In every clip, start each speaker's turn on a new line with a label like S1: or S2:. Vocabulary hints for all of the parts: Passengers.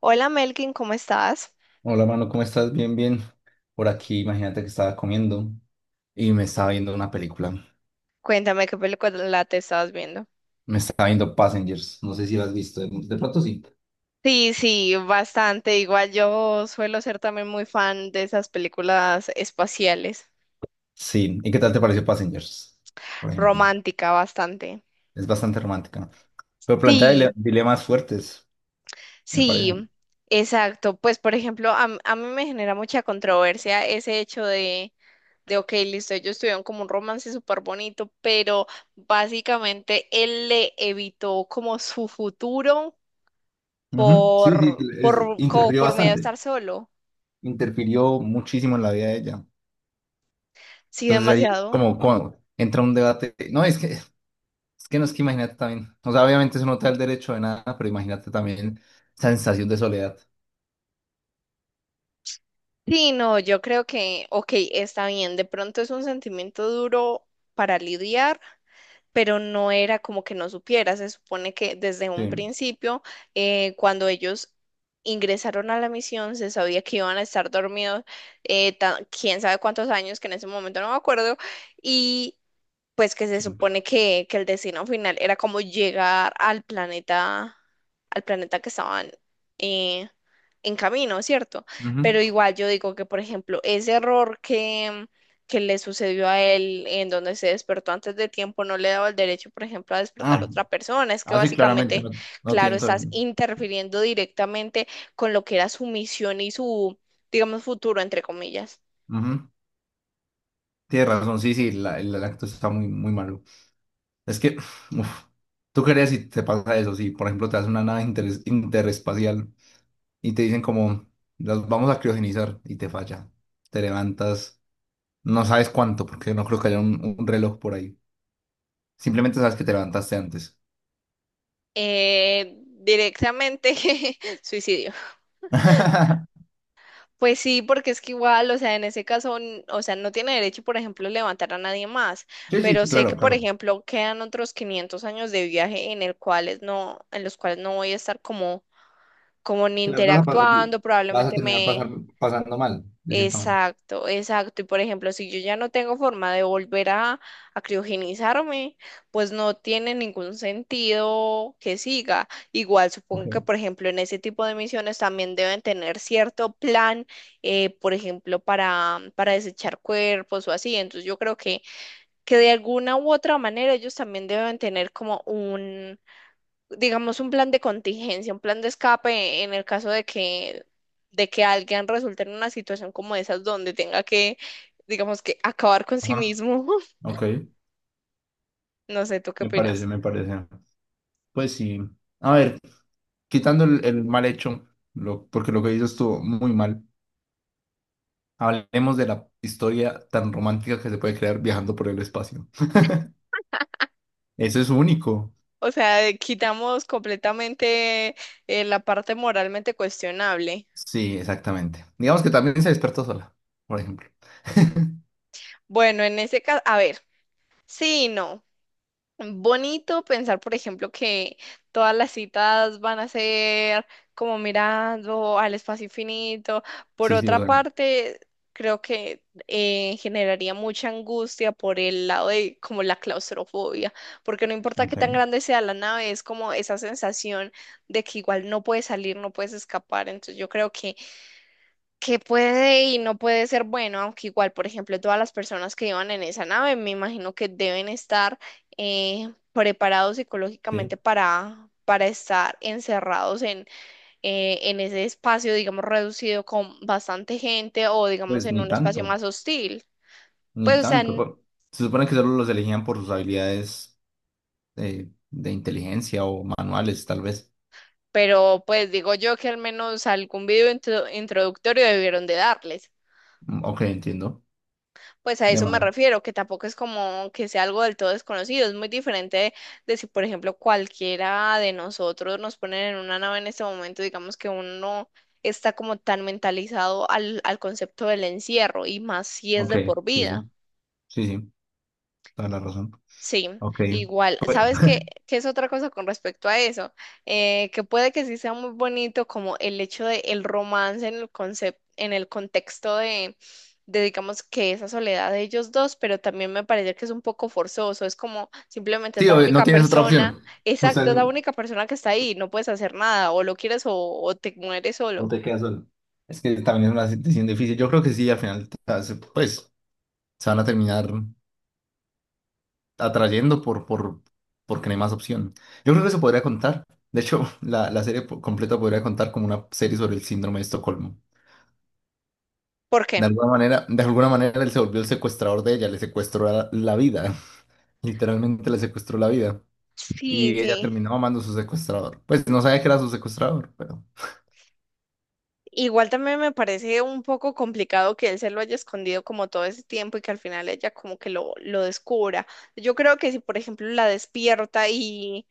S1: Hola Melkin, ¿cómo estás?
S2: Hola, mano, ¿cómo estás? Bien, bien. Por aquí, imagínate que estaba comiendo y me estaba viendo una película.
S1: Cuéntame qué película te estabas viendo.
S2: Me estaba viendo Passengers. No sé si lo has visto. De pronto sí.
S1: Sí, sí, bastante. Igual yo suelo ser también muy fan de esas películas espaciales,
S2: Sí. ¿Y qué tal te pareció Passengers? Por ejemplo.
S1: romántica bastante.
S2: Es bastante romántica. Pero plantea
S1: Sí,
S2: dilemas fuertes, me parece.
S1: sí, exacto. Pues por ejemplo, a mí me genera mucha controversia ese hecho ok, listo, ellos tuvieron como un romance súper bonito, pero básicamente él le evitó como su futuro
S2: Ujú. Sí, sí,
S1: como
S2: interfirió
S1: por miedo a
S2: bastante.
S1: estar solo.
S2: Interfirió muchísimo en la vida de ella.
S1: Sí,
S2: Entonces ahí
S1: demasiado.
S2: como, como entra un debate. No, es que. Es que no es que imagínate también. O sea, obviamente eso no te da el derecho de nada, pero imagínate también esa sensación de soledad.
S1: Sí, no, yo creo que, ok, está bien, de pronto es un sentimiento duro para lidiar, pero no era como que no supiera. Se supone que desde un
S2: Sí,
S1: principio, cuando ellos ingresaron a la misión, se sabía que iban a estar dormidos, quién sabe cuántos años, que en ese momento no me acuerdo, y pues que se
S2: sí.
S1: supone que el destino final era como llegar al planeta que estaban eh, en camino, ¿cierto?
S2: Ujú.
S1: Pero igual yo digo que, por ejemplo, ese error que le sucedió a él en donde se despertó antes de tiempo no le daba el derecho, por ejemplo, a despertar a
S2: Ah,
S1: otra persona. Es que
S2: ah, sí, claramente
S1: básicamente,
S2: no, no
S1: claro,
S2: tiene todo
S1: estás
S2: el-. Sí.
S1: interfiriendo directamente con lo que era su misión y su, digamos, futuro, entre comillas.
S2: Ujú. Tienes razón, sí, sí, el acto está muy, muy malo. Es que, uf, tú crees si te pasa eso, si por ejemplo te hace una nave interespacial y te dicen como, las vamos a criogenizar y te falla. Te levantas, no sabes cuánto, porque no creo que haya un reloj por ahí. Simplemente sabes que te levantaste antes.
S1: Eh, directamente suicidio. Pues sí, porque es que igual, o sea, en ese caso, o sea, no tiene derecho, por ejemplo, levantar a nadie más,
S2: Sí, sí,
S1: pero sé que,
S2: claro,
S1: por
S2: claro.
S1: ejemplo, quedan otros 500 años de viaje en el cuales no, en los cuales no voy a estar como, como ni
S2: Que las vas a pasar,
S1: interactuando,
S2: vas a
S1: probablemente
S2: terminar
S1: me,
S2: pasar, pasando mal, de cierta manera.
S1: exacto, exacto. Y por ejemplo, si yo ya no tengo forma de volver a criogenizarme, pues no tiene ningún sentido que siga. Igual
S2: Ok.
S1: supongo que, por ejemplo, en ese tipo de misiones también deben tener cierto plan, por ejemplo, para desechar cuerpos o así. Entonces yo creo que de alguna u otra manera ellos también deben tener como digamos, un plan de contingencia, un plan de escape en el caso de que alguien resulte en una situación como esas donde tenga que, digamos, que acabar con sí
S2: Ajá,
S1: mismo.
S2: ok.
S1: No sé, ¿tú qué
S2: Me parece,
S1: opinas?
S2: me parece. Pues sí. A ver, quitando el mal hecho, porque lo que hizo estuvo muy mal. Hablemos de la historia tan romántica que se puede crear viajando por el espacio. Eso es único.
S1: O sea, quitamos completamente la parte moralmente cuestionable.
S2: Sí, exactamente. Digamos que también se despertó sola, por ejemplo.
S1: Bueno, en ese caso, a ver, sí y no. Bonito pensar, por ejemplo, que todas las citas van a ser como mirando al espacio infinito. Por
S2: Sí, sí,
S1: otra
S2: bueno.
S1: parte, creo que generaría mucha angustia por el lado de como la claustrofobia, porque no importa qué
S2: Ok.
S1: tan grande sea la nave, es como esa sensación de que igual no puedes salir, no puedes escapar. Entonces yo creo que puede y no puede ser bueno, aunque igual, por ejemplo, todas las personas que iban en esa nave, me imagino que deben estar preparados psicológicamente
S2: Sí.
S1: para estar encerrados en ese espacio, digamos, reducido con bastante gente o, digamos,
S2: Pues
S1: en
S2: ni
S1: un espacio
S2: tanto.
S1: más hostil.
S2: Ni
S1: Pues, o sea,
S2: tanto, se supone que solo los elegían por sus habilidades de inteligencia o manuales, tal vez.
S1: pero pues digo yo que al menos algún introductorio debieron de darles.
S2: Mm, ok, entiendo.
S1: Pues a
S2: De
S1: eso me
S2: manera.
S1: refiero, que tampoco es como que sea algo del todo desconocido, es muy diferente de si, por ejemplo, cualquiera de nosotros nos ponen en una nave en este momento, digamos que uno está como tan mentalizado al concepto del encierro y más si es
S2: Ok,
S1: de por
S2: sí,
S1: vida.
S2: sí. Sí, sí. Toda la razón.
S1: Sí,
S2: Ok.
S1: igual. ¿Sabes qué es otra cosa con respecto a eso? Que puede que sí sea muy bonito como el hecho de el romance en el concepto, en el contexto digamos, que esa soledad de ellos dos, pero también me parece que es un poco forzoso. Es como simplemente es
S2: Sí,
S1: la
S2: obvio, no
S1: única
S2: tienes otra
S1: persona,
S2: opción. O sea,
S1: exacto, es la única persona que está ahí, no puedes hacer nada, o lo quieres o te mueres
S2: o
S1: solo.
S2: te quedas solo. Es que también es una situación difícil. Yo creo que sí, al final, pues, se van a terminar atrayendo porque no hay más opción. Yo creo que se podría contar. De hecho, la serie completa podría contar como una serie sobre el síndrome de Estocolmo.
S1: ¿Por qué?
S2: De alguna manera él se volvió el secuestrador de ella, le secuestró la vida, literalmente le secuestró la vida.
S1: Sí,
S2: Y ella
S1: sí.
S2: terminó amando a su secuestrador. Pues no sabía que era su secuestrador, pero...
S1: Igual también me parece un poco complicado que él se lo haya escondido como todo ese tiempo y que al final ella como que lo descubra. Yo creo que si, por ejemplo, la despierta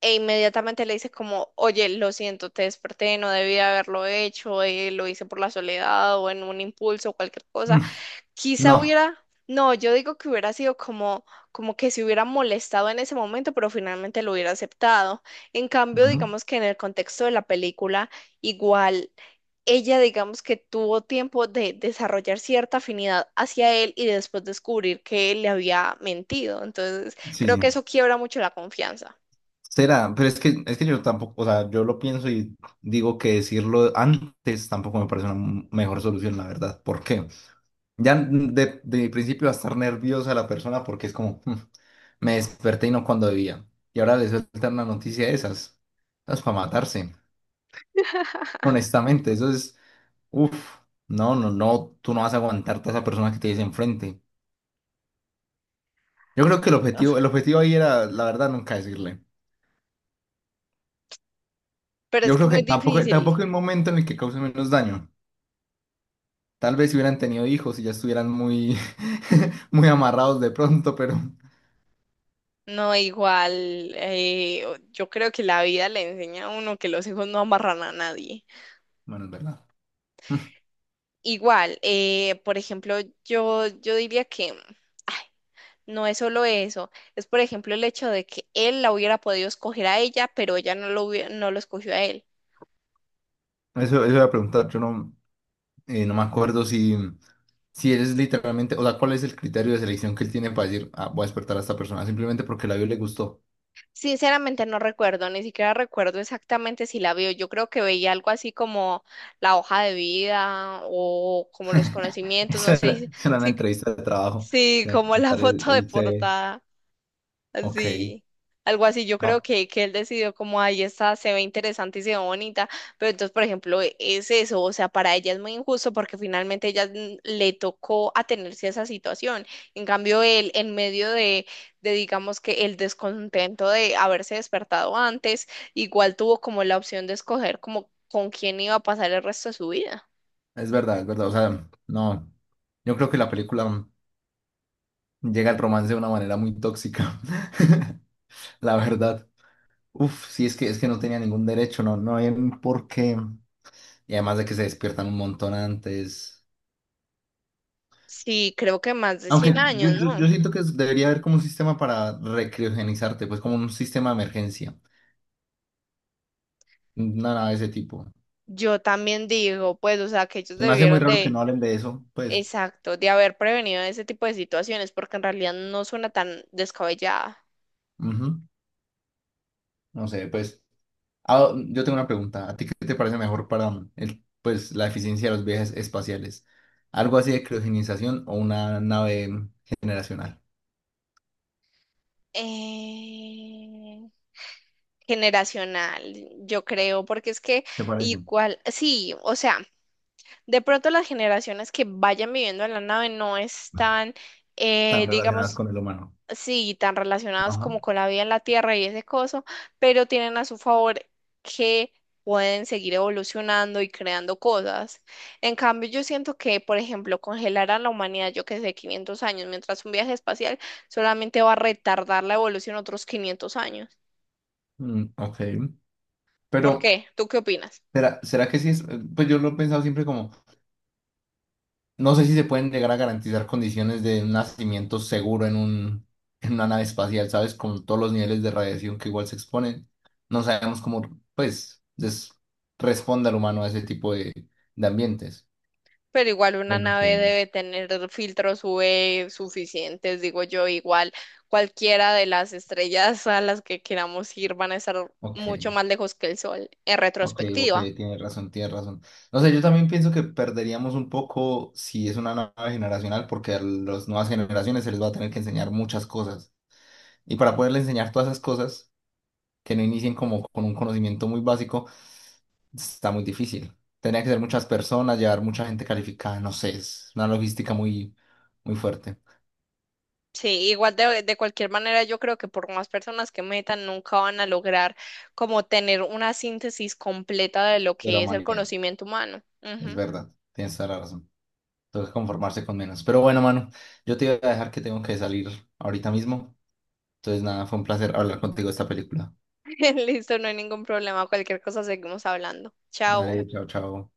S1: e inmediatamente le dice como, oye, lo siento, te desperté, no debía haberlo hecho, lo hice por la soledad o en un impulso o cualquier cosa,
S2: Mm,
S1: quizá
S2: no.
S1: hubiera, no, yo digo que hubiera sido como, como que se hubiera molestado en ese momento, pero finalmente lo hubiera aceptado. En cambio,
S2: Ujú.
S1: digamos que en el contexto de la película, igual ella digamos que tuvo tiempo de desarrollar cierta afinidad hacia él y después descubrir que él le había mentido. Entonces,
S2: Sí,
S1: creo que
S2: sí.
S1: eso quiebra mucho la confianza.
S2: Será, pero es que yo tampoco, o sea, yo lo pienso y digo que decirlo antes tampoco me parece una mejor solución, la verdad. ¿Por qué? Ya de principio va a estar nerviosa la persona porque es como, "Mm, me desperté y no cuando debía. Y ahora le sueltan una noticia de esas. Es para matarse. Honestamente, eso es, uff, no, no, no, tú no vas a aguantarte a esa persona que te dice enfrente. Yo creo que el objetivo ahí era, la verdad, nunca decirle.
S1: Pero
S2: Yo
S1: es que
S2: creo
S1: muy
S2: que tampoco,
S1: difícil.
S2: tampoco el momento en el que cause menos daño. Tal vez si hubieran tenido hijos y ya estuvieran muy, muy amarrados de pronto, pero
S1: No, igual, yo creo que la vida le enseña a uno que los hijos no amarran a nadie.
S2: bueno, es verdad.
S1: Igual, por ejemplo, yo diría que ay, no es solo eso, es por ejemplo el hecho de que él la hubiera podido escoger a ella, pero ella no lo escogió a él.
S2: Eso iba a preguntar, yo no, no me acuerdo si, eres literalmente, o sea, cuál es el criterio de selección que él tiene para decir, ah, voy a despertar a esta persona, simplemente porque la vio y le gustó.
S1: Sinceramente no recuerdo, ni siquiera recuerdo exactamente si la vio. Yo creo que veía algo así como la hoja de vida o como los conocimientos, no sé
S2: Eso era una
S1: si,
S2: entrevista de trabajo.
S1: si
S2: Tenía que
S1: como la
S2: presentar el,
S1: foto de
S2: el C CV.
S1: portada.
S2: Ok,
S1: Así, algo así. Yo creo
S2: no,
S1: que él decidió como, ahí está, se ve interesante y se ve bonita, pero entonces, por ejemplo, es eso, o sea, para ella es muy injusto porque finalmente ella le tocó atenerse a esa situación. En cambio, él, en medio digamos que el descontento de haberse despertado antes, igual tuvo como la opción de escoger como con quién iba a pasar el resto de su vida.
S2: es verdad, o sea, no, yo creo que la película llega al romance de una manera muy tóxica, la verdad. Uf, sí, es que no tenía ningún derecho, no, no hay por qué. Y además de que se despiertan un montón antes.
S1: Sí, creo que más de
S2: Aunque
S1: 100
S2: yo,
S1: años, ¿no?
S2: yo, yo siento que debería haber como un sistema para recriogenizarte, pues como un sistema de emergencia. Una nave de ese tipo.
S1: Yo también digo, pues, o sea, que ellos
S2: Se me hace muy
S1: debieron
S2: raro que
S1: de...
S2: no hablen de eso, pues.
S1: Exacto, de haber prevenido ese tipo de situaciones, porque en realidad no suena tan descabellada.
S2: Ujú. No sé, pues. Ah, yo tengo una pregunta. ¿A ti qué te parece mejor para el, pues, la eficiencia de los viajes espaciales? ¿Algo así de criogenización o una nave generacional?
S1: Eh, generacional, yo creo, porque es que
S2: ¿Te parece
S1: igual, sí, o sea, de pronto las generaciones que vayan viviendo en la nave no están,
S2: tan relacionadas
S1: digamos,
S2: con el humano?
S1: sí, tan relacionados
S2: Ajá.
S1: como con la vida en la Tierra y ese coso, pero tienen a su favor que pueden seguir evolucionando y creando cosas. En cambio, yo siento que, por ejemplo, congelar a la humanidad, yo que sé, 500 años, mientras un viaje espacial solamente va a retardar la evolución otros 500 años.
S2: Mm, ok.
S1: ¿Por
S2: Pero,
S1: qué? ¿Tú qué opinas?
S2: ¿será, será que sí es? Pues yo lo he pensado siempre como, no sé si se pueden llegar a garantizar condiciones de un nacimiento seguro en en una nave espacial, ¿sabes? Con todos los niveles de radiación que igual se exponen. No sabemos cómo, pues, responde al humano a ese tipo de ambientes.
S1: Pero igual una
S2: Claro.
S1: nave debe tener filtros UV suficientes, digo yo, igual cualquiera de las estrellas a las que queramos ir van a estar
S2: Ok,
S1: mucho
S2: ok,
S1: más lejos que el Sol en
S2: ok, ok,
S1: retrospectiva.
S2: tienes razón, tienes razón. No sé, yo también pienso que perderíamos un poco si es una nave generacional, porque a las nuevas generaciones se les va a tener que enseñar muchas cosas. Y para poderle enseñar todas esas cosas que no inicien como con un conocimiento muy básico, está muy difícil. Tendría que ser muchas personas, llevar mucha gente calificada, no sé, es una logística muy, muy fuerte
S1: Sí, igual de cualquier manera yo creo que por más personas que metan nunca van a lograr como tener una síntesis completa de lo
S2: de la
S1: que es el
S2: humanidad.
S1: conocimiento humano.
S2: Es
S1: Ujú.
S2: verdad, tienes toda la razón. Tengo que conformarse con menos. Pero bueno, mano, yo te voy a dejar que tengo que salir ahorita mismo. Entonces, nada, fue un placer hablar contigo de esta película.
S1: Listo, no hay ningún problema, cualquier cosa seguimos hablando. Chao.
S2: Dale, chao, chao.